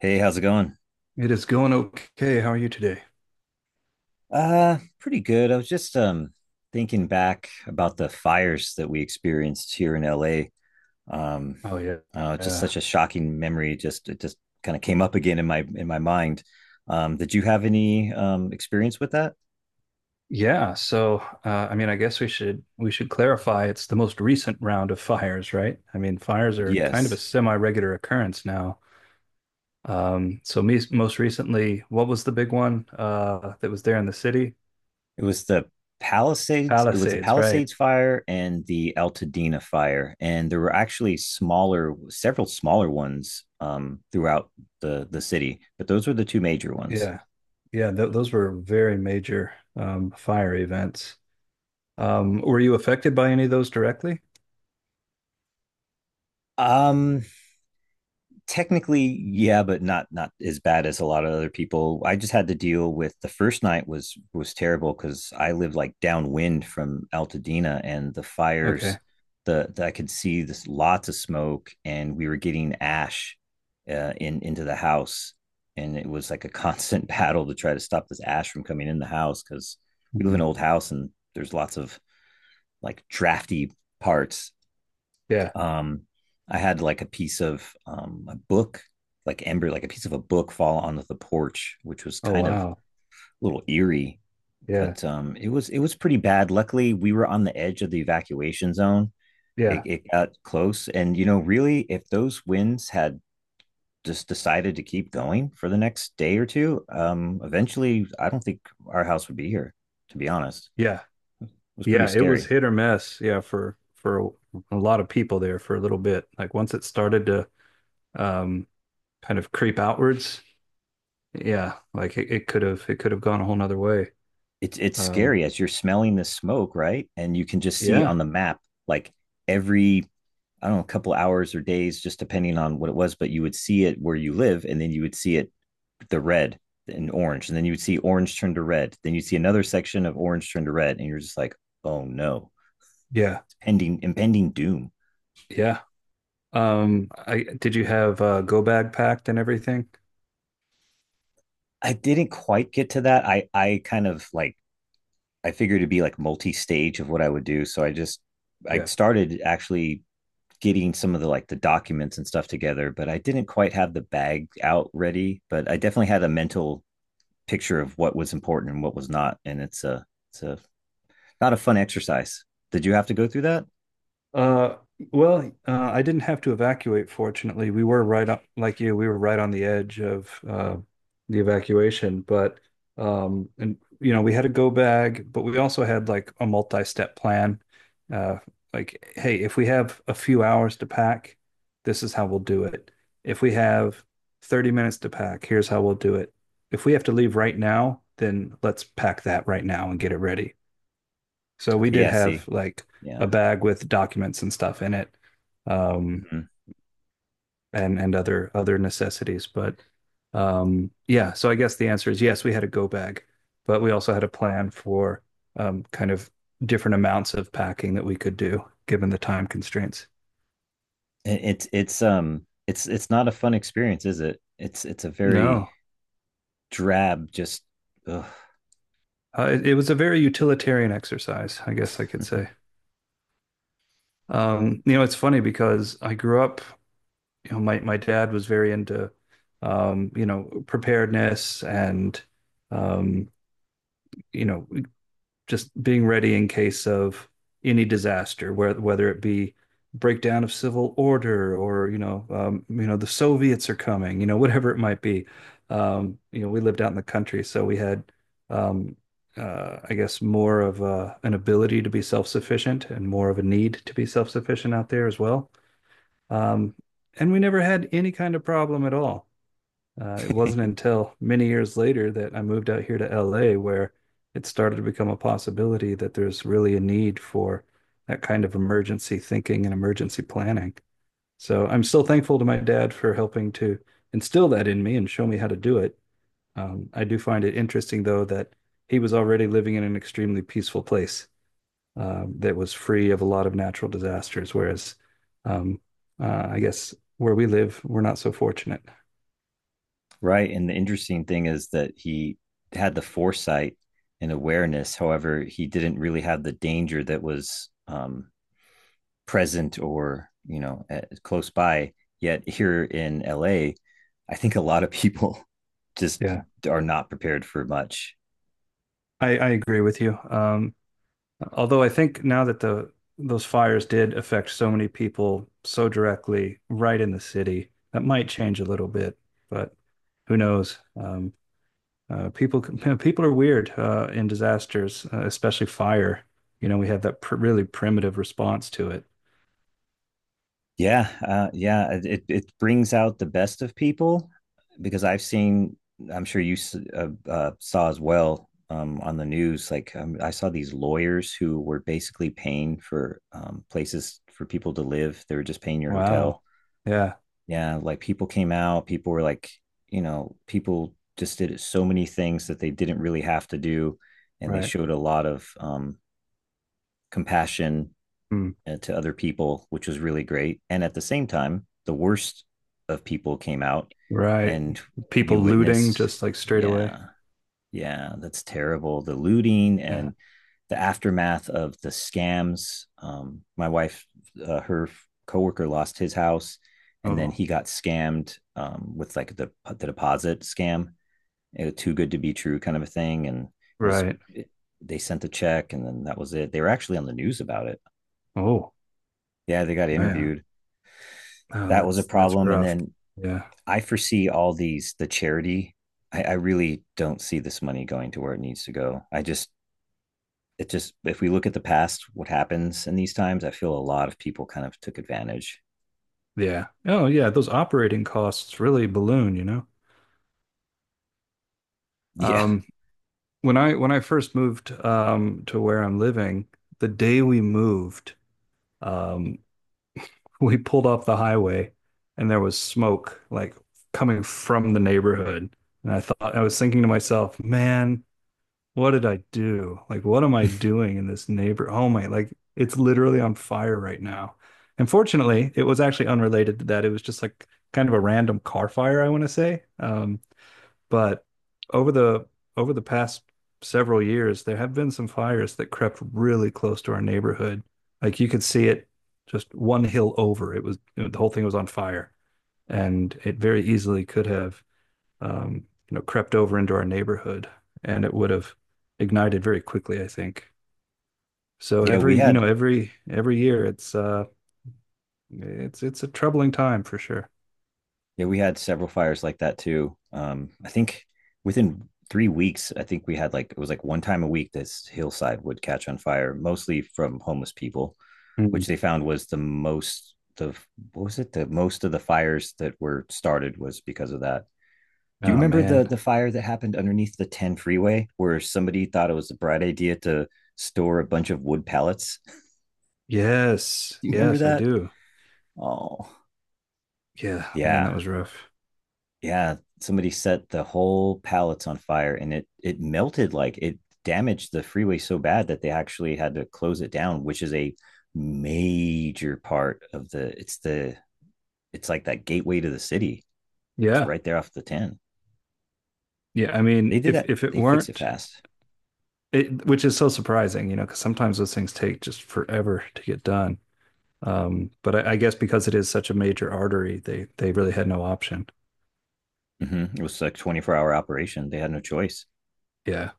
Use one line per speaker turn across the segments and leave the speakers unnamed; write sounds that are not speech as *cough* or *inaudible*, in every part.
Hey, how's it going?
It is going okay. How are you today?
Pretty good. I was just thinking back about the fires that we experienced here in LA. Um,
Oh yeah.
just
Yeah.
such a shocking memory. Just it just kind of came up again in my mind. Did you have any experience with that?
Yeah, so I mean I guess we should clarify it's the most recent round of fires, right? I mean fires are kind of a
Yes.
semi-regular occurrence now. So me most recently, what was the big one that was there in the city?
It was the
Palisades, right?
Palisades fire and the Altadena fire. And there were actually several smaller ones throughout the city, but those were the two major ones.
Yeah. Yeah, th those were very major fire events. Were you affected by any of those directly?
Um, Technically yeah, but not as bad as a lot of other people. I just had to deal with the first night. Was terrible because I live like downwind from Altadena and the fires
Okay.
the I could see this, lots of smoke, and we were getting ash in into the house, and it was like a *laughs* constant battle to try to stop this ash from coming in the house, because we live in
Mm.
an old house and there's lots of like drafty parts.
Yeah.
um, I had like a piece of a book, like embryo, like a piece of a book fall onto the porch, which was
Oh
kind of a
wow.
little eerie,
Yeah.
but it was pretty bad. Luckily, we were on the edge of the evacuation zone. It,
Yeah.
it got close, and you know, really, if those winds had just decided to keep going for the next day or two, eventually, I don't think our house would be here. To be honest,
Yeah.
it was pretty
Yeah, it was
scary.
hit or miss. Yeah, for a lot of people there for a little bit. Like once it started to um kind of creep outwards, yeah, like it could have gone a whole nother way.
It's
Um
scary as you're smelling this smoke, right? And you can just see
yeah,
on the map like every, I don't know, a couple hours or days, just depending on what it was, but you would see it where you live, and then you would see it the red and orange, and then you would see orange turn to red, then you'd see another section of orange turn to red, and you're just like, oh no,
yeah,
it's pending impending doom.
yeah. I did you have go bag packed and everything?
I didn't quite get to that. I kind of like, I figured it'd be like multi-stage of what I would do, so I
Yeah.
started actually getting some of the like the documents and stuff together, but I didn't quite have the bag out ready. But I definitely had a mental picture of what was important and what was not, and it's a not a fun exercise. Did you have to go through that?
Uh, well, I didn't have to evacuate, fortunately. We were right up, like you, we were right on the edge of the evacuation, but and you know, we had a go bag, but we also had like a multi-step plan. Uh, like, hey, if we have a few hours to pack, this is how we'll do it. If we have 30 minutes to pack, here's how we'll do it. If we have to leave right now, then let's pack that right now and get it ready. So we
Okay,
did
yeah,
have
see.
like a
Yeah.
bag with documents and stuff in it, um,
Hmm.
and and other necessities. But yeah, so I guess the answer is yes, we had a go bag, but we also had a plan for kind of different amounts of packing that we could do given the time constraints.
It, it's not a fun experience, is it? It's a very
No,
drab, just ugh,
it was a very utilitarian exercise, I guess I could say. You know, it's funny because I grew up you know, my dad was very into you know, preparedness and um, you know, just being ready in case of any disaster, whether it be breakdown of civil order or you know, the Soviets are coming, you know, *laughs* whatever it might be. You know, we lived out in the country, so we had um, I guess more of an ability to be self-sufficient and more of a need to be self-sufficient out there as well. Um, and we never had any kind of problem at all. It wasn't until many years later that I moved out here to LA where it started to become a possibility that there's really a need for that kind of emergency thinking and emergency planning. So I'm still thankful to my dad for helping to instill that in me and show me how to do it. I do find it interesting, though, that he was already living in an extremely peaceful place that was free of a lot of natural disasters. Whereas, um, I guess where we live, we're not so fortunate.
right. And the interesting thing is that he had the foresight and awareness. However, he didn't really have the danger that was, present, or you know, at close by. Yet here in LA, I think a lot of *laughs* people just
Yeah,
are not prepared for much.
I agree with you. Although I think now that the those fires did affect so many people so directly right in the city, that might change a little bit, but who knows? People *laughs* people are weird in disasters, especially fire. You know, we have that pr really primitive response to it.
Yeah, it brings out the best of people, because I've seen, I'm sure you saw as well on the news. Like I saw these lawyers who were basically paying for places for people to live. They were just paying your hotel.
Wow. Yeah,
Yeah, like people came out. People were like, you know, people just did so many things that they didn't really have to do, and they
right.
showed a lot of compassion
Hmm.
to other people, which was really great. And at the same time, the worst of people came out,
Right.
and you
People looting
witnessed,
just like straight away.
yeah, yeah, that's terrible. The looting
Yeah.
and the aftermath of the scams. My wife, her coworker lost his house, and then
Oh,
he got scammed with like the deposit scam. It was too good to be true kind of a thing. And
right.
it, they sent the check and then that was it. They were actually on the news about it.
Oh,
Yeah, they got
man.
interviewed.
Oh,
That was a
that's
problem. And
rough.
then
Yeah.
I foresee all these the charity. I really don't see this money going to where it needs to go. I just, it just, if we look at the past, what happens in these times, I feel a lot of people kind of took advantage. *laughs*
Yeah. Oh, yeah, those operating costs really balloon, you know.
Yeah.
Um, when I first moved to where I'm living, the day we moved, um, *laughs* we pulled off the highway, and there was smoke like coming from the neighborhood. And I was thinking to myself, man, what did I do? Like, what am I doing in this neighbor? Oh my, like it's literally on fire right now. And fortunately, it was actually unrelated to that. It was just like kind of a random car fire, I want to say. But over the over the past several years, there have been some fires that crept really close to our neighborhood. Like you could see it just one hill over. It was you know, the whole thing was on fire, and it very easily could have you know crept over into our neighborhood, and it would have ignited very quickly, I think. So
Yeah, we
every you know
had
every year, it's a troubling time for sure.
yeah, we had several fires like that too. I think within 3 weeks, I think we had like, it was like one time a week this hillside would catch on fire, mostly from homeless people, which
Mm.
they found was the most of, what was it? The most of the fires that were started was because of that. Do you
Oh
remember the
man,
the fire that happened underneath the 10 freeway where somebody thought it was a bright idea to store a bunch of wood pallets? *laughs* Do
yes,
you remember
yes, I
that?
do.
Oh,
Yeah, man, that
yeah.
was rough.
Yeah, somebody set the whole pallets on fire, and it melted, like it damaged the freeway so bad that they actually had to close it down, which is a major part of the it's like that gateway to the city. It's
Yeah.
right there off the 10.
Yeah. I
They
mean,
did that.
if it
They fix it
weren't
fast.
it, which is so surprising, you know, because sometimes those things take just forever to get done. But I guess because it is such a major artery, they really had no option.
Mm-hmm. It was like 24-hour operation. They had no choice.
Yeah.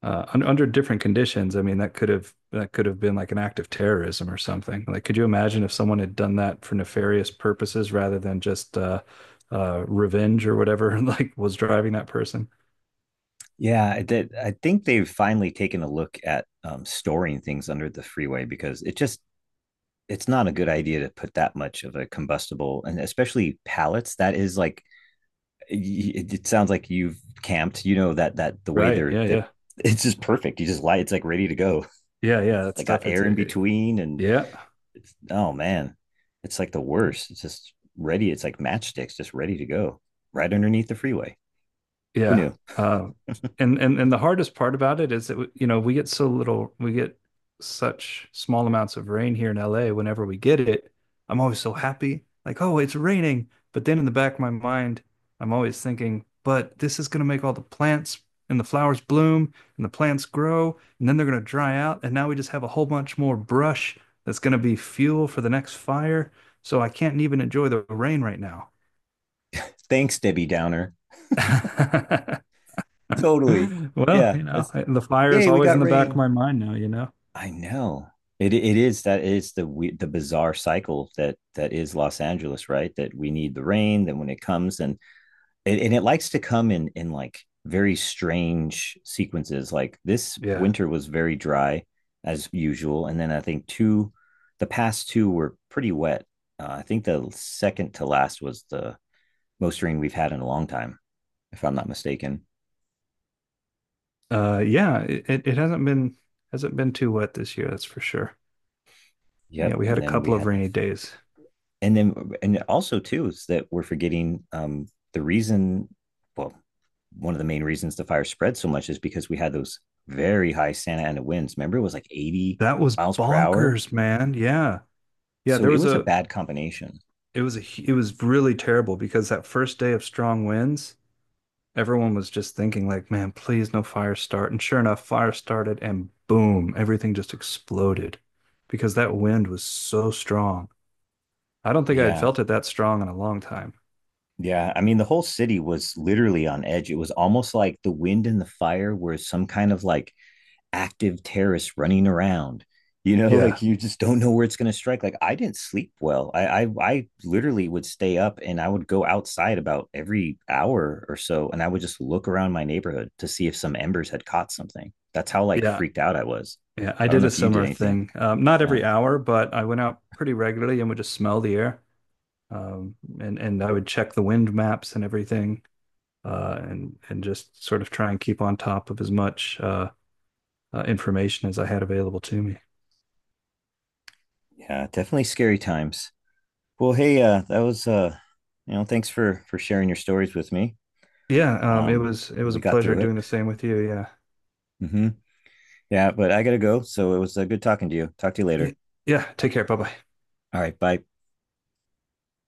Under different conditions, I mean, that could have been like an act of terrorism or something. Like, could you imagine if someone had done that for nefarious purposes rather than just revenge or whatever, *laughs* like was driving that person?
Yeah, I did. I think they've finally taken a look at storing things under the freeway, because it just, it's not a good idea to put that much of a combustible, and especially pallets. That is like, it sounds like you've camped. You know that, that the way
Right.
they're
Yeah.
that,
Yeah.
*laughs* it's just perfect. You just lie. It's like ready to go.
Yeah. Yeah. That
Like got
stuff.
air in between, and
Yeah.
it's, oh man, it's like the worst. It's just ready. It's like matchsticks, just ready to go right underneath the freeway. Who
yeah.
knew?
Um,
*laughs*
and and the hardest part about it is that you know we get such small amounts of rain here in LA. Whenever we get it, I'm always so happy, like oh it's raining. But then in the back of my mind, I'm always thinking, but this is going to make all the plants and the flowers bloom and the plants grow and then they're going to dry out and now we just have a whole bunch more brush that's going to be fuel for the next fire. So I can't even enjoy the rain right now.
Thanks, Debbie Downer.
*laughs*
Totally.
*laughs* Well,
Yeah.
you know,
Let's,
the fire is
yay, we
always
got
in the back of
rain.
my mind now, you know.
I know. It is that is the we, The bizarre cycle that that is Los Angeles, right? That we need the rain, then when it comes, then, and it likes to come in like very strange sequences. Like this
Yeah.
winter was very dry as usual, and then I think the past two were pretty wet. I think the second to last was the most rain we've had in a long time, if I'm not mistaken.
Yeah, it hasn't been too wet this year, that's for sure. Yeah,
Yep,
we had
and
a
then we
couple of
had that,
rainy days.
and then and also too is that we're forgetting the reason, well, one of the main reasons the fire spread so much is because we had those very high Santa Ana winds. Remember, it was like 80
That was
miles per hour,
bonkers, man. Yeah. Yeah,
so
there
it
was
was a
a
bad combination.
it was really terrible because that first day of strong winds, everyone was just thinking like, man, please no fire start. And sure enough, fire started and boom, everything just exploded because that wind was so strong. I don't think I had
Yeah,
felt it that strong in a long time.
yeah, I mean the whole city was literally on edge. It was almost like the wind and the fire were some kind of like active terrorists running around, you know. *laughs*
Yeah,
Like, you just don't know where it's going to strike. Like, I didn't sleep well. I literally would stay up, and I would go outside about every hour or so, and I would just look around my neighborhood to see if some embers had caught something. That's how like
yeah,
freaked out I was.
yeah. I
I don't
did
know
a
if you did
similar
anything.
thing. Not
Yeah,
every hour, but I went out pretty regularly and would just smell the air. And I would check the wind maps and everything, and just sort of try and keep on top of as much information as I had available to me.
yeah, definitely scary times. Well, hey, that was you know, thanks for sharing your stories with me.
Yeah,
um
it was
we
a
got
pleasure
through it.
doing the same with you. Yeah,
Hmm. Yeah, but I gotta go, so it was good talking to you. Talk to you
yeah.
later.
yeah. Take care. Bye bye.
All right. Bye.